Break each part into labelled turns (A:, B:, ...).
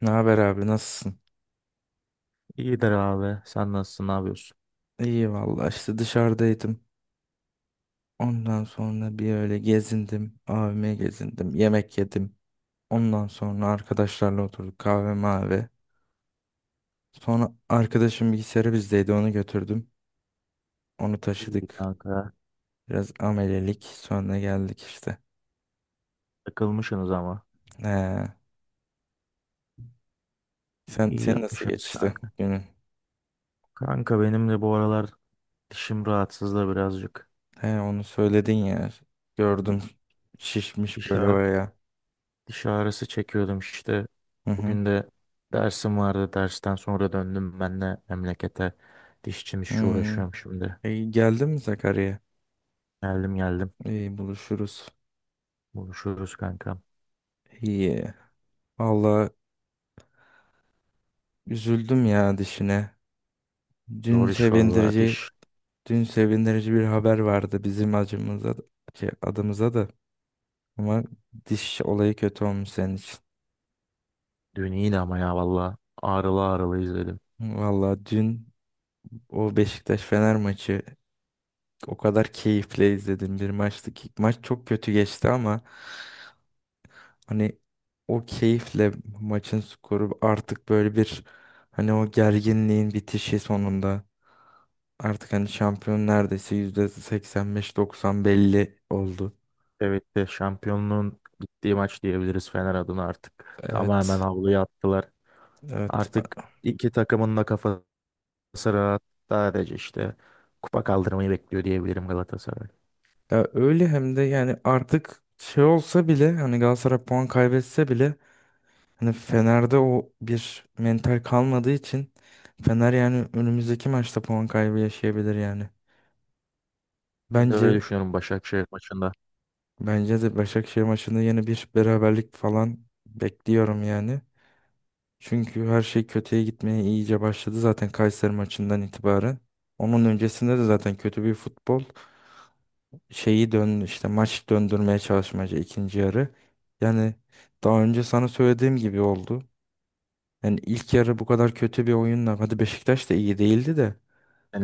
A: Ne haber abi, nasılsın?
B: İyidir abi. Sen nasılsın? Ne yapıyorsun?
A: İyi vallahi, işte dışarıdaydım. Ondan sonra bir öyle gezindim. AVM gezindim. Yemek yedim. Ondan sonra arkadaşlarla oturduk kahve mavi. Sonra arkadaşım bilgisayarı bizdeydi, onu götürdüm. Onu
B: İyi
A: taşıdık.
B: kanka.
A: Biraz amelelik. Sonra geldik işte.
B: Takılmışsınız ama.
A: He. Sen,
B: İyi
A: sen nasıl
B: yapmışsınız
A: geçti
B: kanka.
A: günün?
B: Kanka benim de bu aralar dişim rahatsız da birazcık.
A: He, onu söyledin ya. Gördüm. Şişmiş
B: Diş,
A: böyle
B: ağ-
A: oraya.
B: Diş ağrısı çekiyordum işte.
A: Hı hı.
B: Bugün de dersim vardı. Dersten sonra döndüm ben de memlekete. Dişçim işçi
A: Hmm.
B: uğraşıyorum şimdi.
A: E, geldin mi Sakarya'ya?
B: Geldim.
A: İyi, buluşuruz.
B: Buluşuruz kanka.
A: İyi. Valla üzüldüm ya dişine. Dün
B: Zor iş vallahi
A: sevindirici,
B: diş.
A: dün sevindirici bir haber vardı bizim acımıza, adımıza da. Ama diş olayı kötü olmuş senin için.
B: Dün iyiydi ama ya vallahi ağrılı ağrılı izledim.
A: Valla dün o Beşiktaş-Fener maçı o kadar keyifle izledim, bir maçtı ki maç çok kötü geçti ama hani o keyifle maçın skoru artık böyle bir, hani o gerginliğin bitişi sonunda. Artık hani şampiyon neredeyse %85-90 belli oldu.
B: Evet de şampiyonluğun gittiği maç diyebiliriz Fener adına artık. Tamamen
A: Evet.
B: havluya attılar.
A: Evet.
B: Artık iki takımın da kafası rahat. Sadece işte kupa kaldırmayı bekliyor diyebilirim Galatasaray.
A: Ya öyle hem de, yani artık şey olsa bile, hani Galatasaray puan kaybetse bile hani Fener'de o bir mental kalmadığı için Fener yani önümüzdeki maçta puan kaybı yaşayabilir yani.
B: Ben de
A: Bence
B: öyle düşünüyorum Başakşehir maçında.
A: bence de Başakşehir maçında yeni bir beraberlik falan bekliyorum yani. Çünkü her şey kötüye gitmeye iyice başladı zaten Kayseri maçından itibaren. Onun öncesinde de zaten kötü bir futbol şeyi, dön işte maç döndürmeye çalışmaca ikinci yarı. Yani daha önce sana söylediğim gibi oldu. Yani ilk yarı bu kadar kötü bir oyunla, hadi Beşiktaş da iyi değildi de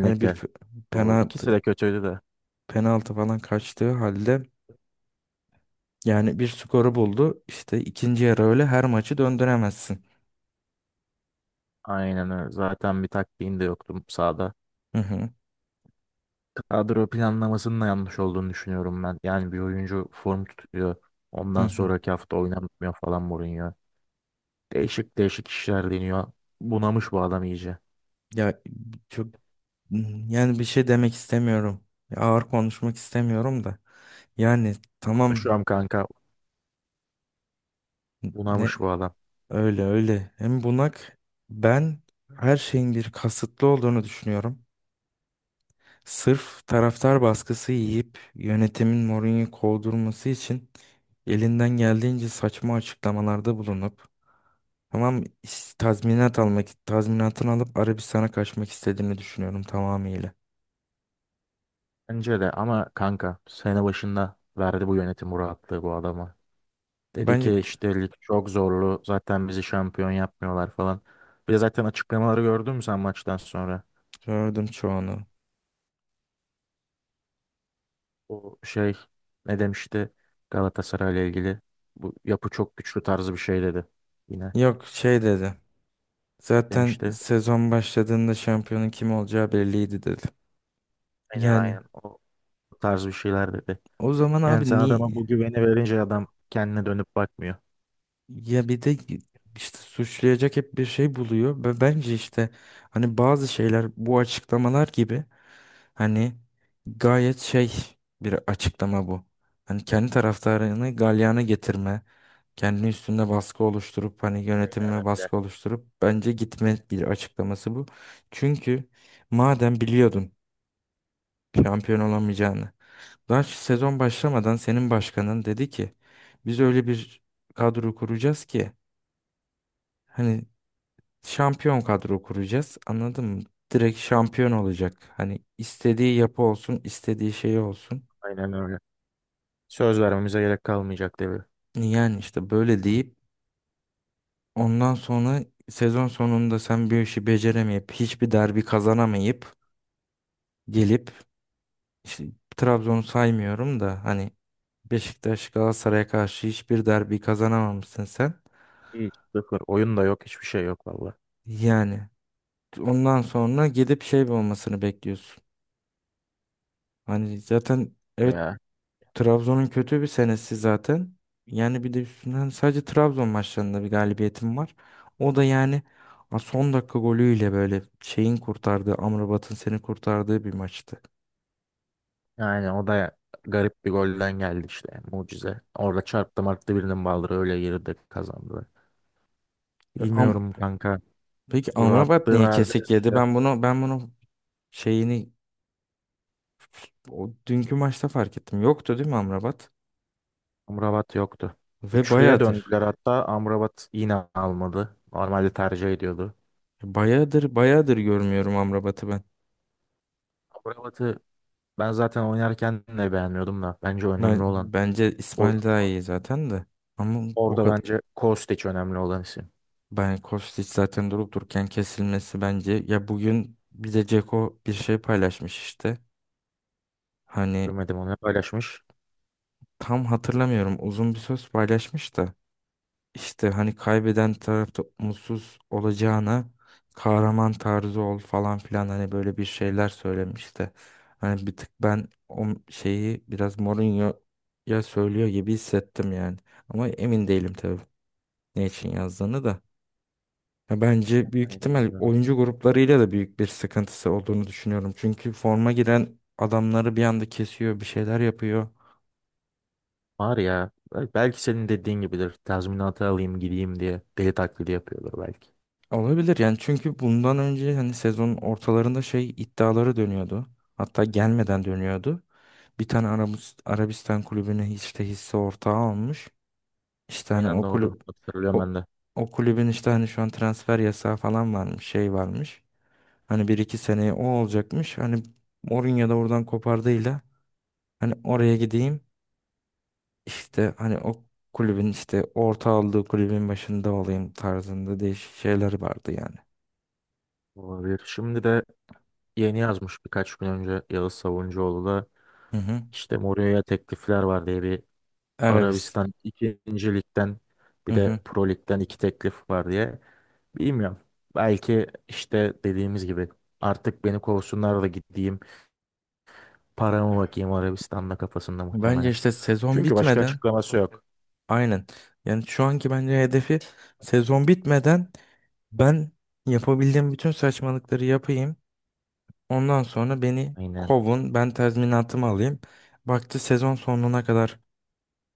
A: hani bir pe-
B: doğru.
A: penaltı
B: İkisi de kötüydü de.
A: penaltı falan kaçtığı halde yani bir skoru buldu. İşte ikinci yarı öyle her maçı döndüremezsin.
B: Aynen öyle. Zaten bir taktiğin de yoktu sahada.
A: Hı hı.
B: Kadro planlamasının da yanlış olduğunu düşünüyorum ben. Yani bir oyuncu form tutuyor.
A: Hı
B: Ondan
A: hı.
B: sonraki hafta oynamıyor falan Mourinho. Değişik değişik işler deniyor. Bunamış bu adam iyice.
A: Ya çok Yani bir şey demek istemiyorum. Ağır konuşmak istemiyorum da. Yani tamam,
B: Konuşuyorum kanka.
A: ne
B: Bunamış bu adam.
A: öyle öyle. Hem bunak, ben her şeyin bir kasıtlı olduğunu düşünüyorum. Sırf taraftar baskısı yiyip yönetimin Mourinho'yu kovdurması için elinden geldiğince saçma açıklamalarda bulunup, tamam tazminatını alıp Arabistan'a kaçmak istediğini düşünüyorum tamamıyla.
B: Bence de ama kanka sene başında verdi bu yönetim bu rahatlığı bu adama. Dedi
A: Bence
B: ki işte lig çok zorlu. Zaten bizi şampiyon yapmıyorlar falan. Bir de zaten açıklamaları gördün mü sen maçtan sonra?
A: Gördüm çoğunu.
B: O şey ne demişti Galatasaray'la ilgili? Bu yapı çok güçlü tarzı bir şey dedi. Yine
A: Yok şey dedi. Zaten
B: demişti.
A: sezon başladığında şampiyonun kim olacağı belliydi, dedim.
B: Aynen
A: Yani
B: aynen o tarz bir şeyler dedi.
A: o zaman
B: Yani
A: abi
B: sen
A: niye
B: adama bu güveni verince adam kendine dönüp bakmıyor.
A: ya bir de işte suçlayacak hep bir şey buluyor ve bence işte hani bazı şeyler bu açıklamalar gibi, hani gayet şey bir açıklama bu. Hani kendi taraftarını galyana getirme, kendi üstünde baskı oluşturup hani
B: Aynen
A: yönetime
B: öyle.
A: baskı oluşturup bence gitme bir açıklaması bu. Çünkü madem biliyordun şampiyon olamayacağını, daha sezon başlamadan senin başkanın dedi ki biz öyle bir kadro kuracağız ki hani şampiyon kadro kuracağız, anladın mı? Direkt şampiyon olacak. Hani istediği yapı olsun, istediği şey olsun.
B: Aynen öyle. Söz vermemize gerek kalmayacak tabii.
A: Yani işte böyle deyip ondan sonra sezon sonunda sen bir işi beceremeyip, hiçbir derbi kazanamayıp gelip, işte Trabzon'u saymıyorum da hani Beşiktaş Galatasaray'a karşı hiçbir derbi kazanamamışsın sen.
B: Hiç sıfır. Oyun da yok. Hiçbir şey yok valla.
A: Yani ondan sonra gidip şey olmasını bekliyorsun. Hani zaten, evet,
B: Ya.
A: Trabzon'un kötü bir senesi zaten. Yani bir de üstünden sadece Trabzon maçlarında bir galibiyetim var. O da yani son dakika golüyle böyle şeyin kurtardığı, Amrabat'ın seni kurtardığı bir maçtı.
B: Yani o da garip bir golden geldi işte. Mucize. Orada çarptı marttı birinin baldırı öyle girdi kazandı.
A: E, Am
B: Bilmiyorum kanka.
A: Peki
B: Burak
A: Amrabat
B: attı
A: niye
B: verdi
A: kesik yedi?
B: işte.
A: Ben bunu şeyini o dünkü maçta fark ettim. Yoktu değil mi Amrabat?
B: Amrabat yoktu.
A: Ve
B: Üçlüye
A: bayağıdır.
B: döndüler hatta. Amrabat yine almadı. Normalde tercih ediyordu.
A: Bayağıdır bayağıdır görmüyorum Amrabat'ı ben.
B: Amrabat'ı ben zaten oynarken de beğenmiyordum da. Bence
A: Ben,
B: önemli olan.
A: bence
B: o-
A: İsmail daha iyi zaten de. Ama o
B: Orada
A: kadar.
B: bence Kostic önemli olan isim.
A: Ben Kostić zaten durup dururken kesilmesi bence. Ya bugün bir de Ceko bir şey paylaşmış işte. Hani
B: Görmedim onu paylaşmış.
A: tam hatırlamıyorum, uzun bir söz paylaşmış da. İşte hani kaybeden tarafta mutsuz olacağına kahraman tarzı ol falan filan, hani böyle bir şeyler söylemiş de. Hani bir tık ben o şeyi biraz Mourinho'ya söylüyor gibi hissettim yani. Ama emin değilim tabii ne için yazdığını da. Ya bence büyük
B: Hani
A: ihtimal
B: bilmiyorum.
A: oyuncu gruplarıyla da büyük bir sıkıntısı olduğunu düşünüyorum. Çünkü forma giren adamları bir anda kesiyor, bir şeyler yapıyor.
B: Var ya. Belki senin dediğin gibidir. Tazminatı alayım gideyim diye deli taklidi yapıyordur belki.
A: Olabilir yani, çünkü bundan önce hani sezonun ortalarında şey iddiaları dönüyordu. Hatta gelmeden dönüyordu. Bir tane Arabistan kulübüne işte hisse ortağı almış. İşte hani
B: Aynen doğru. Hatırlıyorum
A: o,
B: ben de.
A: o kulübün işte hani şu an transfer yasağı falan varmış, şey varmış. Hani bir iki seneye o olacakmış. Hani Mourinho da oradan kopardığıyla hani oraya gideyim, işte hani o kulübün işte orta aldığı kulübün başında olayım tarzında değişik şeyler vardı yani.
B: Olabilir. Şimdi de yeni yazmış birkaç gün önce Yağız Savuncuoğlu da
A: Hı hı.
B: işte Mourinho'ya teklifler var diye bir
A: Arabis.
B: Arabistan 2. Lig'den
A: Hı
B: bir
A: hı.
B: de Pro Lig'den iki teklif var diye. Bilmiyorum. Belki işte dediğimiz gibi artık beni kovsunlar da gideyim. Paramı bakayım Arabistan'da kafasında
A: Bence
B: muhtemelen.
A: işte sezon
B: Çünkü başka
A: bitmeden,
B: açıklaması yok.
A: aynen. Yani şu anki bence hedefi sezon bitmeden ben yapabildiğim bütün saçmalıkları yapayım. Ondan sonra beni
B: Aynen.
A: kovun. Ben tazminatımı alayım. Baktı sezon sonuna kadar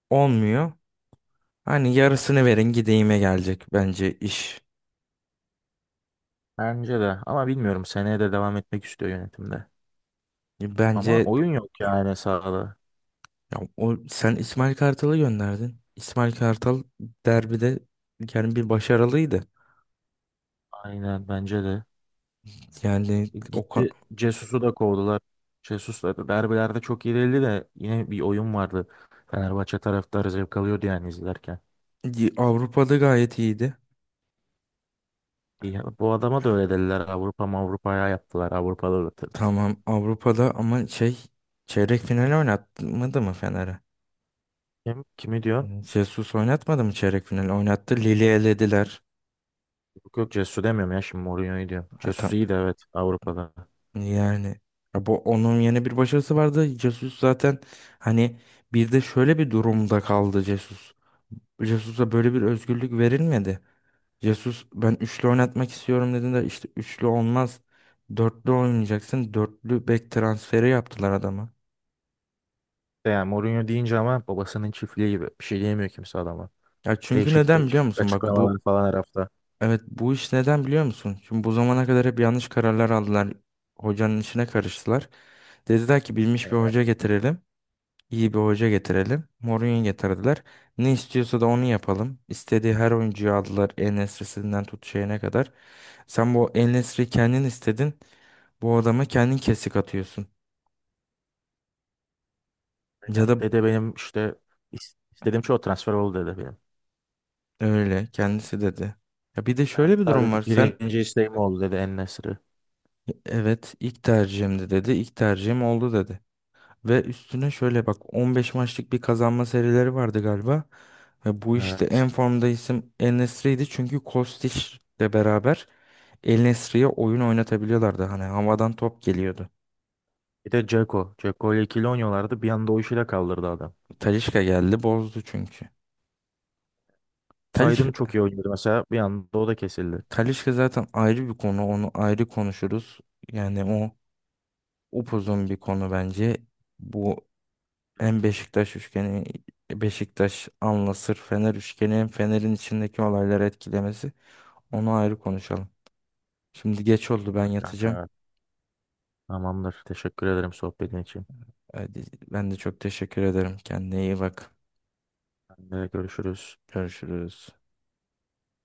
A: olmuyor. Hani yarısını verin gideyime gelecek bence iş.
B: Bence de. Ama bilmiyorum. Seneye de devam etmek istiyor yönetimde. Ama
A: Bence
B: oyun yok yani sahada.
A: Ya o, sen İsmail Kartal'ı gönderdin. İsmail Kartal derbide yani bir başarılıydı.
B: Aynen bence de.
A: Yani
B: Gitti Cesus'u da kovdular. Jesus da derbilerde çok iyi değildi de yine bir oyun vardı. Fenerbahçe taraftarı zevk alıyordu yani izlerken.
A: Avrupa'da gayet iyiydi.
B: Bu adama da öyle dediler. Avrupa'ya yaptılar. Avrupa'da da tırt.
A: Tamam Avrupa'da, ama şey, çeyrek final oynatmadı mı Fener'e?
B: Kimi diyor?
A: Yani Jesus oynatmadı mı çeyrek final? Oynattı. Lili elediler.
B: Yok yok Cesus'u demiyorum ya, şimdi Mourinho'yu diyorum.
A: Ha,
B: Jesus
A: tam-
B: iyi de evet Avrupa'da.
A: yani, ya bu onun yeni bir başarısı vardı. Jesus zaten, hani, bir de şöyle bir durumda kaldı Jesus. Jesus'a böyle bir özgürlük verilmedi. Jesus ben üçlü oynatmak istiyorum dedin de işte üçlü olmaz. Dörtlü oynayacaksın. Dörtlü bek transferi yaptılar adama.
B: De yani Mourinho deyince ama babasının çiftliği gibi. Bir şey diyemiyor kimse adama.
A: Ya çünkü
B: Değişik
A: neden biliyor
B: değişik
A: musun? Bak
B: açıklamalar
A: bu,
B: falan her hafta.
A: evet, bu iş neden biliyor musun? Şimdi bu zamana kadar hep yanlış kararlar aldılar. Hocanın işine karıştılar. Dediler ki bilmiş bir
B: Aynen.
A: hoca getirelim, iyi bir hoca getirelim. Mourinho getirdiler. Ne istiyorsa da onu yapalım. İstediği her oyuncuyu aldılar. En-Nesyri'sinden tut şeyine kadar. Sen bu En-Nesyri kendin istedin. Bu adama kendin kesik atıyorsun. Ya
B: Aynen.
A: da
B: Dede benim işte istediğim çoğu transfer oldu dedi benim.
A: öyle kendisi dedi. Ya bir de şöyle bir
B: Hatta
A: durum
B: dedi,
A: var.
B: birinci isteğim oldu dedi En-Nesyri.
A: Evet, ilk tercihimdi dedi. İlk tercihim oldu dedi. Ve üstüne şöyle bak, 15 maçlık bir kazanma serileri vardı galiba. Ve bu işte en
B: Evet.
A: formda isim El Nesri'ydi. Çünkü Kostiç'le beraber El Nesri'ye oyun oynatabiliyorlardı. Hani havadan top geliyordu.
B: Bir de Dzeko. Dzeko ile ikili oynuyorlardı. Bir anda o işi de kaldırdı adam.
A: Talisca geldi bozdu çünkü.
B: Zaydın çok iyi
A: Talisca,
B: oynuyordu mesela. Bir anda o da kesildi.
A: Talisca zaten ayrı bir konu. Onu ayrı konuşuruz. Yani o upuzun bir konu bence. Bu, hem Beşiktaş üçgeni, Beşiktaş, Anlasır, Fener üçgeni, hem Fener'in içindeki olayları etkilemesi. Onu ayrı konuşalım. Şimdi geç oldu, ben
B: Kanka.
A: yatacağım.
B: Tamamdır. Teşekkür ederim sohbetin için.
A: Hadi, ben de çok teşekkür ederim. Kendine iyi bak.
B: Ben de görüşürüz.
A: Görüşürüz.